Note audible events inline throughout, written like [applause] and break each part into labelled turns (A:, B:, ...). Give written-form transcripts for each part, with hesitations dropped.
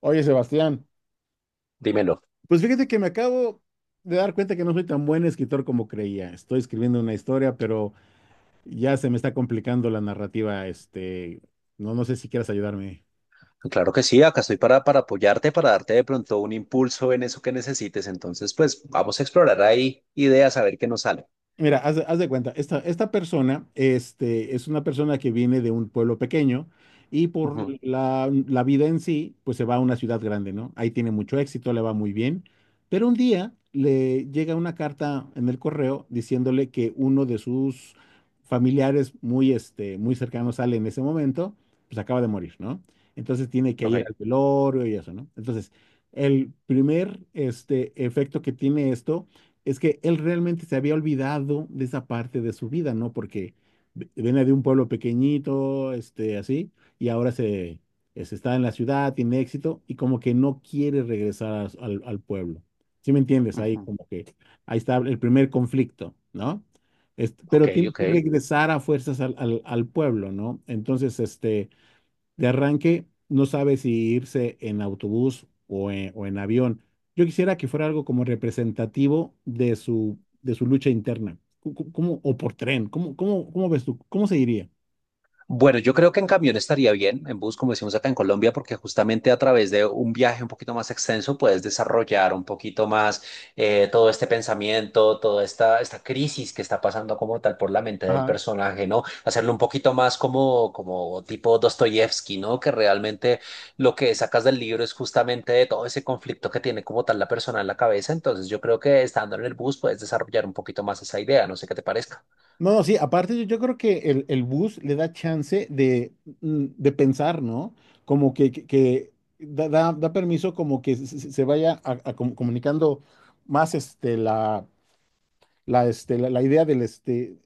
A: Oye, Sebastián,
B: Dímelo.
A: pues fíjate que me acabo de dar cuenta que no soy tan buen escritor como creía. Estoy escribiendo una historia, pero ya se me está complicando la narrativa. No sé si quieras ayudarme.
B: Claro que sí, acá estoy para apoyarte, para darte de pronto un impulso en eso que necesites. Entonces, pues vamos a explorar ahí ideas, a ver qué nos sale.
A: Mira, haz de cuenta, esta persona es una persona que viene de un pueblo pequeño y por
B: Ujú.
A: la vida en sí, pues se va a una ciudad grande, ¿no? Ahí tiene mucho éxito, le va muy bien, pero un día le llega una carta en el correo diciéndole que uno de sus familiares muy cercanos sale en ese momento, pues acaba de morir, ¿no? Entonces tiene que ir
B: Ok.
A: al velorio y eso, ¿no? Entonces, el primer efecto que tiene esto es que él realmente se había olvidado de esa parte de su vida, ¿no? Porque viene de un pueblo pequeñito, así, y ahora se está en la ciudad, tiene éxito, y como que no quiere regresar a al pueblo. ¿Sí me entiendes?
B: Ujú.
A: Ahí está el primer conflicto, ¿no?
B: Ok,
A: Pero tiene
B: ok.
A: que regresar a fuerzas al pueblo, ¿no? Entonces, de arranque no sabe si irse en autobús o en avión. Yo quisiera que fuera algo como representativo de de su lucha interna. Como, o por tren, ¿ cómo ves tú? ¿Cómo se iría?
B: Bueno, yo creo que en camión estaría bien, en bus, como decimos acá en Colombia, porque justamente a través de un viaje un poquito más extenso puedes desarrollar un poquito más todo este pensamiento, toda esta crisis que está pasando como tal por la mente del
A: Ajá.
B: personaje, ¿no? Hacerlo un poquito más como tipo Dostoyevsky, ¿no? Que realmente lo que sacas del libro es justamente de todo ese conflicto que tiene como tal la persona en la cabeza. Entonces, yo creo que estando en el bus puedes desarrollar un poquito más esa idea, no sé qué te parezca.
A: No, no, sí, aparte yo creo que el bus le da chance de, mm, de pensar, ¿no? Como que da permiso como que se vaya a comunicando más la idea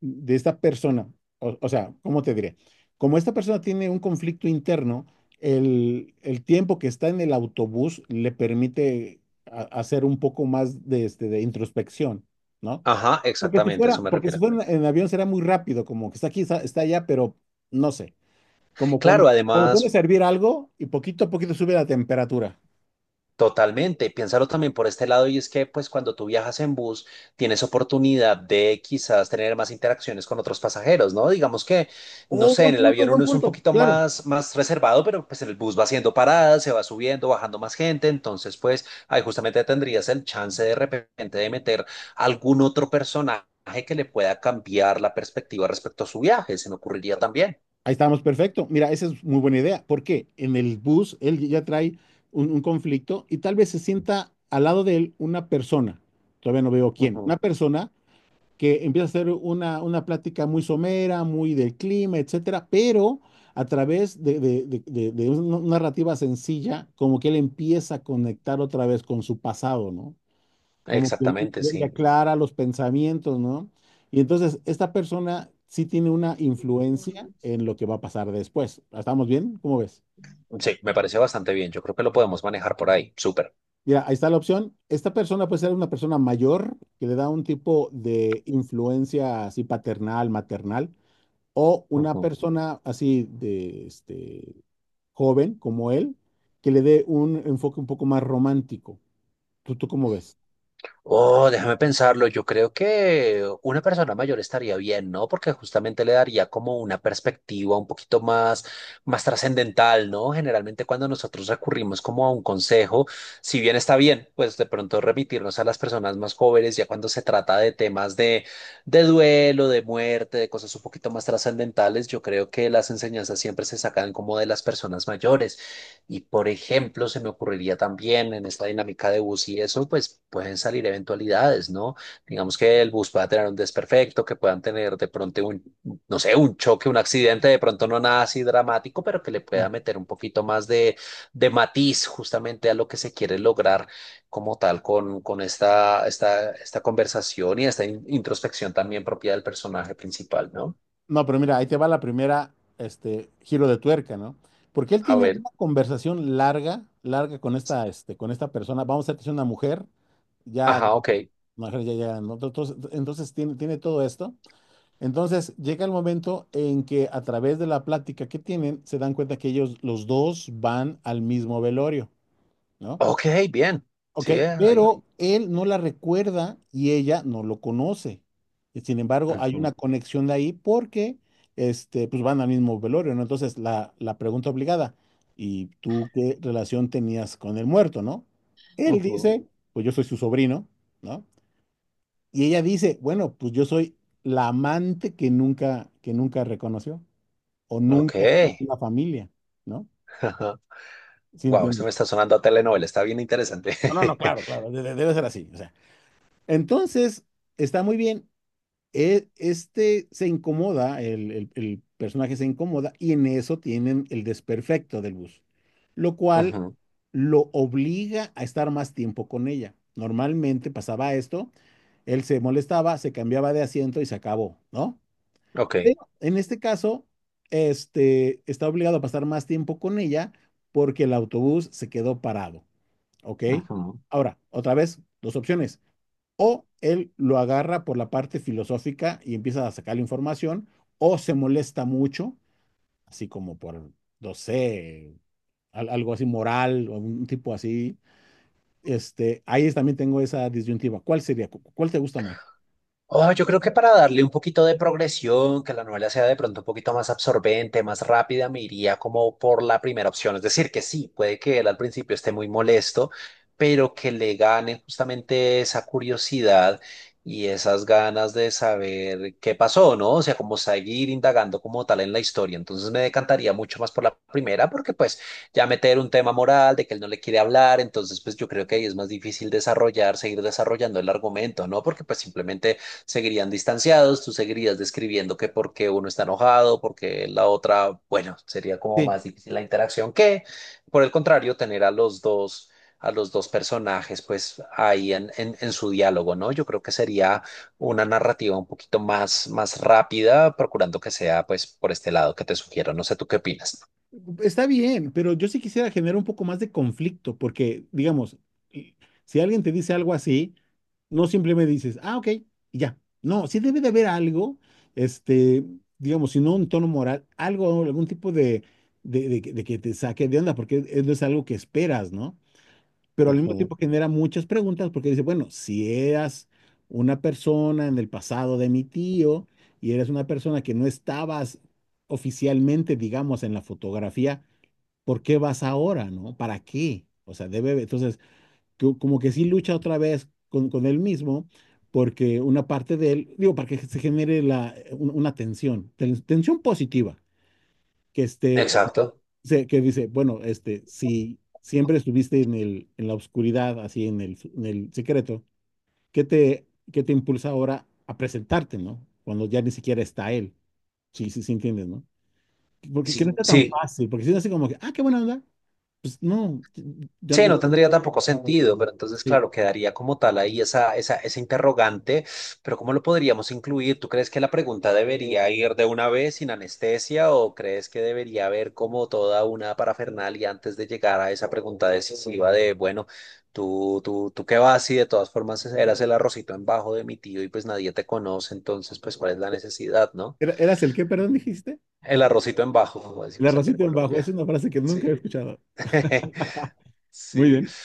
A: de esta persona. O sea, ¿cómo te diré? Como esta persona tiene un conflicto interno, el tiempo que está en el autobús le permite hacer un poco más de, de introspección, ¿no?
B: Ajá, exactamente, a eso me
A: Porque si
B: refiero.
A: fuera en avión será muy rápido, como que está aquí, está allá, pero no sé. Como cuando,
B: Claro,
A: cuando puedes
B: además.
A: servir algo y poquito a poquito sube la temperatura.
B: Totalmente, piénsalo también por este lado y es que pues cuando tú viajas en bus tienes oportunidad de quizás tener más interacciones con otros pasajeros, ¿no? Digamos que, no
A: Oh,
B: sé, en el avión
A: buen
B: uno es un
A: punto,
B: poquito
A: claro.
B: más, más reservado, pero pues en el bus va haciendo paradas, se va subiendo, bajando más gente, entonces pues ahí justamente tendrías el chance de repente de meter algún otro personaje que le pueda cambiar la perspectiva respecto a su viaje, se me ocurriría también.
A: Ahí estamos, perfecto. Mira, esa es muy buena idea, porque en el bus él ya trae un conflicto y tal vez se sienta al lado de él una persona, todavía no veo quién, una
B: Ujú.
A: persona que empieza a hacer una plática muy somera, muy del clima, etcétera, pero a través de una narrativa sencilla, como que él empieza a conectar otra vez con su pasado, ¿no? Como que
B: Exactamente,
A: le
B: sí.
A: aclara los pensamientos, ¿no? Y entonces esta persona sí tiene una influencia en lo que va a pasar después. ¿Estamos bien? ¿Cómo ves?
B: Sí, me parece bastante bien, yo creo que lo podemos manejar por ahí, súper.
A: Mira, ahí está la opción. Esta persona puede ser una persona mayor que le da un tipo de influencia así paternal, maternal, o una
B: Ujú.
A: persona así de joven como él, que le dé un enfoque un poco más romántico. ¿ tú cómo ves?
B: Oh, déjame pensarlo. Yo creo que una persona mayor estaría bien, ¿no? Porque justamente le daría como una perspectiva un poquito más, más trascendental, ¿no? Generalmente cuando nosotros recurrimos como a un consejo, si bien está bien, pues de pronto remitirnos a las personas más jóvenes, ya cuando se trata de temas de duelo, de muerte, de cosas un poquito más trascendentales, yo creo que las enseñanzas siempre se sacan como de las personas mayores. Y por ejemplo, se me ocurriría también en esta dinámica de bus y eso, pues pueden salir eventualidades, ¿no? Digamos que el bus pueda tener un desperfecto, que puedan tener de pronto un, no sé, un choque, un accidente, de pronto no nada así dramático, pero que le pueda meter un poquito más de matiz justamente a lo que se quiere lograr como tal con esta conversación y esta introspección también propia del personaje principal, ¿no?
A: No, pero mira, ahí te va la primera, giro de tuerca, ¿no? Porque él
B: A
A: tiene
B: ver,
A: una conversación larga, larga con con esta persona. Vamos a decir que es una mujer, ya,
B: ajá, ok.
A: grande, una mujer ya, ya, ¿no? Entonces, entonces tiene todo esto. Entonces llega el momento en que a través de la plática que tienen, se dan cuenta que ellos, los dos, van al mismo velorio, ¿no?
B: Ok, bien.
A: Ok,
B: Sí, ahí.
A: pero él no la recuerda y ella no lo conoce. Y sin embargo, hay una
B: Ujú,
A: conexión de ahí porque pues van al mismo velorio, ¿no? Entonces, la pregunta obligada, ¿y tú qué relación tenías con el muerto, no? Él
B: ujú.
A: dice, pues yo soy su sobrino, ¿no? Y ella dice, bueno, pues yo soy la amante que nunca reconoció o
B: Ok.
A: nunca conoció la familia, ¿no?
B: [laughs]
A: ¿Sí
B: Wow, esto
A: entiendes?
B: me está sonando a telenovela, está bien interesante.
A: No, no, no, claro, claro, debe ser así. O sea, entonces, está muy bien. Este se incomoda, el personaje se incomoda y en eso tienen el desperfecto del bus, lo
B: [laughs]
A: cual
B: Ujú.
A: lo obliga a estar más tiempo con ella. Normalmente pasaba esto, él se molestaba, se cambiaba de asiento y se acabó, ¿no?
B: Ok.
A: Pero en este caso, está obligado a pasar más tiempo con ella porque el autobús se quedó parado, ¿ok?
B: Ujú.
A: Ahora, otra vez, dos opciones: o él lo agarra por la parte filosófica y empieza a sacar la información, o se molesta mucho, así como por, no sé, algo así moral o un tipo así. Ahí también tengo esa disyuntiva. ¿Cuál sería? ¿Cuál te gusta más?
B: Oh, yo creo que para darle un poquito de progresión, que la novela sea de pronto un poquito más absorbente, más rápida, me iría como por la primera opción. Es decir, que sí, puede que él al principio esté muy molesto, pero que le gane justamente esa curiosidad y esas ganas de saber qué pasó, ¿no? O sea, como seguir indagando como tal en la historia. Entonces me decantaría mucho más por la primera, porque pues ya meter un tema moral de que él no le quiere hablar, entonces pues yo creo que ahí es más difícil desarrollar, seguir desarrollando el argumento, ¿no? Porque pues simplemente seguirían distanciados, tú seguirías describiendo que por qué uno está enojado, porque la otra, bueno, sería como
A: Sí.
B: más difícil la interacción que, por el contrario, tener a a los dos personajes, pues ahí en su diálogo, ¿no? Yo creo que sería una narrativa un poquito más, más rápida, procurando que sea, pues, por este lado que te sugiero. No sé, ¿tú qué opinas?
A: Está bien, pero yo sí quisiera generar un poco más de conflicto, porque, digamos, y- si alguien te dice algo así, no simplemente dices, ah, ok, y ya. No, sí debe de haber algo, este, digamos, si no un tono moral, algo, algún tipo de, de que te saque de onda, porque no es algo que esperas, ¿no? Pero al mismo
B: Ujú.
A: tiempo genera muchas preguntas, porque dice, bueno, si eras una persona en el pasado de mi tío y eres una persona que no estabas oficialmente, digamos, en la fotografía, ¿por qué vas ahora, no? ¿Para qué? O sea, debe, entonces, como que sí lucha otra vez con él mismo, porque una parte de él, digo, para que se genere una tensión, tensión positiva, que este,
B: Exacto.
A: que dice, bueno, si siempre estuviste en en la oscuridad, así en en el secreto, ¿qué te, ¿qué te impulsa ahora a presentarte, no? Cuando ya ni siquiera está él. Sí, sí, sí, entiendes, ¿no? Porque que no
B: Sí,
A: está tan
B: sí.
A: fácil, porque si no es así como que, ah, qué buena onda, pues no, ya
B: Sí,
A: no.
B: no tendría tampoco sentido, pero entonces,
A: Sí.
B: claro, quedaría como tal ahí esa interrogante, pero ¿cómo lo podríamos incluir? ¿Tú crees que la pregunta debería ir de una vez sin anestesia o crees que debería haber como toda una parafernalia antes de llegar a esa pregunta decisiva de, bueno, tú qué vas y de todas formas eras el arrocito en bajo de mi tío y pues nadie te conoce, entonces, pues, ¿cuál es la necesidad, no?
A: ¿Era- ¿Eras el qué, perdón,
B: Mm.
A: dijiste?
B: El arrocito en bajo, como
A: La
B: decimos acá en
A: rosita en bajo, es
B: Colombia.
A: una frase que nunca he
B: Sí.
A: escuchado.
B: [laughs]
A: Muy
B: Sí.
A: bien.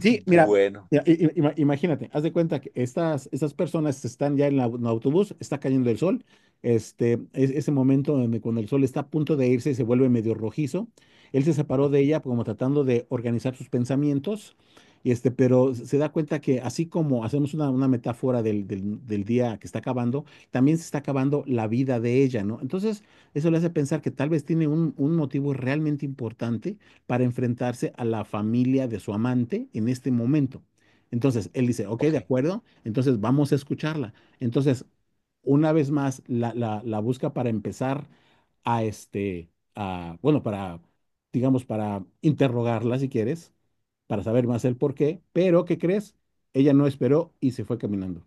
A: Sí, mira,
B: Bueno.
A: mira, imagínate, haz de cuenta que estas personas están ya en, en el autobús, está cayendo el sol, ese momento donde cuando el sol está a punto de irse y se vuelve medio rojizo, él se separó de
B: Ujú.
A: ella como tratando de organizar sus pensamientos, y pero se da cuenta que así como hacemos una metáfora del día que está acabando, también se está acabando la vida de ella, ¿no? Entonces, eso le hace pensar que tal vez tiene un motivo realmente importante para enfrentarse a la familia de su amante en este momento. Entonces, él dice, ok, de
B: Ok,
A: acuerdo, entonces vamos a escucharla. Entonces, una vez más, la busca para empezar a este, a, bueno, para, digamos, para interrogarla, si quieres, para saber más el por qué, pero ¿qué crees? Ella no esperó y se fue caminando.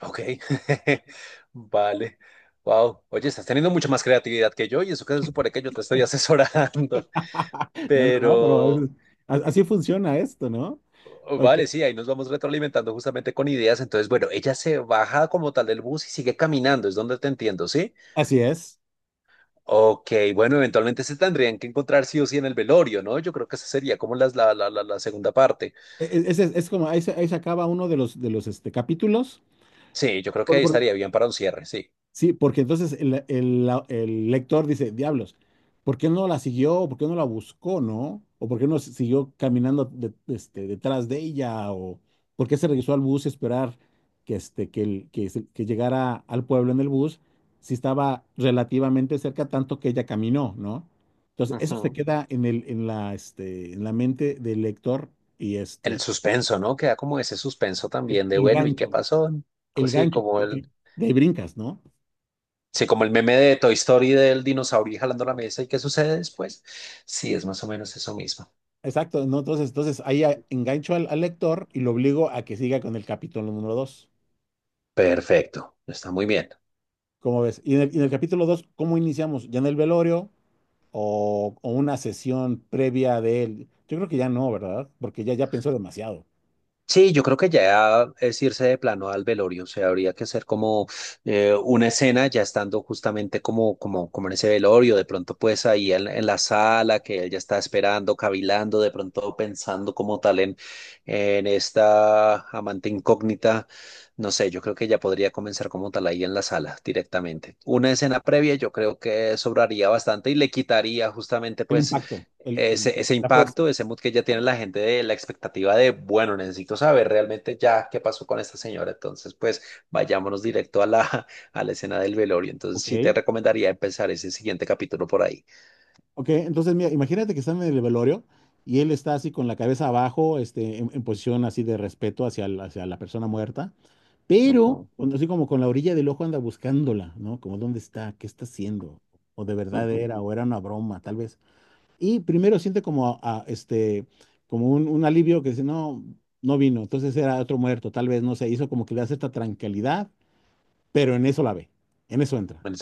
B: ok. [laughs] Vale. Wow. Oye, estás teniendo mucha más creatividad que yo y eso que se supone que yo te estoy asesorando. [laughs]
A: [laughs] No, no, no, pero
B: Pero,
A: así funciona esto, ¿no?
B: oh,
A: Ok,
B: vale, sí, ahí nos vamos retroalimentando justamente con ideas. Entonces, bueno, ella se baja como tal del bus y sigue caminando, es donde te entiendo, ¿sí?
A: así es.
B: Ok, bueno, eventualmente se tendrían que encontrar sí o sí en el velorio, ¿no? Yo creo que esa sería como la segunda parte.
A: Ese es como, ahí ahí se acaba uno de los capítulos.
B: Sí, yo creo que
A: Por-
B: ahí
A: por-
B: estaría bien para un cierre, sí.
A: sí, porque entonces el lector dice, diablos, ¿por qué no la siguió? ¿Por qué no la buscó, no? ¿O por qué no siguió caminando detrás de ella? ¿O por qué se regresó al bus a esperar que, este, que, el- que, se- que llegara al pueblo en el bus si estaba relativamente cerca, tanto que ella caminó, ¿no? Entonces, eso se
B: Ujú.
A: queda en el, en la, este, en la mente del lector y
B: El suspenso, ¿no? Queda como ese suspenso también de,
A: el
B: bueno, ¿y qué
A: gancho,
B: pasó? Co-
A: el
B: Sí,
A: gancho,
B: como el,
A: porque de ahí brincas, ¿no?
B: sí, como el meme de Toy Story del dinosaurio jalando la mesa y qué sucede después. Sí, es más o menos eso mismo.
A: Exacto, ¿no? Entonces, entonces ahí engancho al lector y lo obligo a que siga con el capítulo número dos.
B: Perfecto, está muy bien.
A: ¿Cómo ves? Y en el capítulo 2, ¿cómo iniciamos? ¿Ya en el velorio o una sesión previa de él? Yo creo que ya no, ¿verdad? Porque ya, ya pensó demasiado.
B: Sí, yo creo que ya es irse de plano al velorio, o sea, habría que hacer como una escena ya estando justamente como en ese velorio, de pronto pues ahí en la sala que él ya está esperando, cavilando, de pronto pensando como tal en esta amante incógnita, no sé, yo creo que ya podría comenzar como tal ahí en la sala directamente. Una escena previa yo creo que sobraría bastante y le quitaría justamente
A: El
B: pues
A: impacto,
B: ese
A: la fuerza.
B: impacto, ese mood que ya tiene la gente de la expectativa de, bueno, necesito saber realmente ya qué pasó con esta señora. Entonces, pues vayámonos directo a la, [laughs] a la escena del velorio. Entonces, sí te
A: Ok.
B: recomendaría empezar ese siguiente capítulo por ahí.
A: Ok, entonces mira, imagínate que están en el velorio y él está así con la cabeza abajo, en posición así de respeto hacia, hacia la persona muerta, pero
B: Ujú,
A: así como con la orilla del ojo anda buscándola, ¿no? Como dónde está, qué está haciendo, o de verdad
B: ujú.
A: era, o era una broma, tal vez. Y primero siente como, como un alivio que dice, no, no vino, entonces era otro muerto, tal vez, no sé, hizo como que le da cierta tranquilidad, pero en eso la ve, en eso entra.
B: Bueno.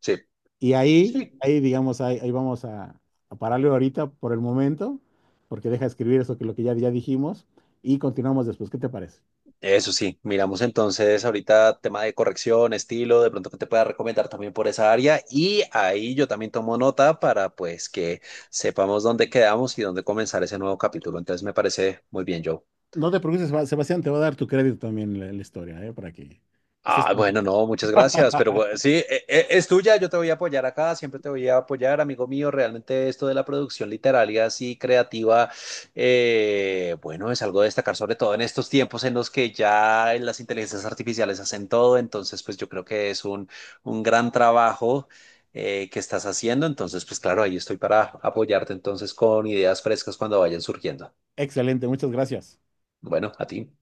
B: Sí,
A: Y ahí,
B: sí.
A: ahí digamos, ahí vamos a pararle ahorita por el momento, porque deja de escribir eso que lo que ya dijimos y continuamos después. ¿Qué te parece?
B: Eso sí, miramos entonces ahorita tema de corrección, estilo, de pronto que te pueda recomendar también por esa área y ahí yo también tomo nota para pues que sepamos dónde quedamos y dónde comenzar ese nuevo capítulo. Entonces me parece muy bien, Joe.
A: No te preocupes, Sebastián, te va a dar tu crédito también la historia, ¿eh? Para que estés...
B: Ah, bueno, no, muchas gracias, pero
A: [laughs]
B: bueno, sí, es tuya, yo te voy a apoyar acá, siempre te voy a apoyar, amigo mío, realmente esto de la producción literaria así creativa, bueno, es algo de destacar, sobre todo en estos tiempos en los que ya las inteligencias artificiales hacen todo, entonces pues yo creo que es un gran trabajo que estás haciendo, entonces pues claro, ahí estoy para apoyarte entonces con ideas frescas cuando vayan surgiendo.
A: Excelente, muchas gracias.
B: Bueno, a ti.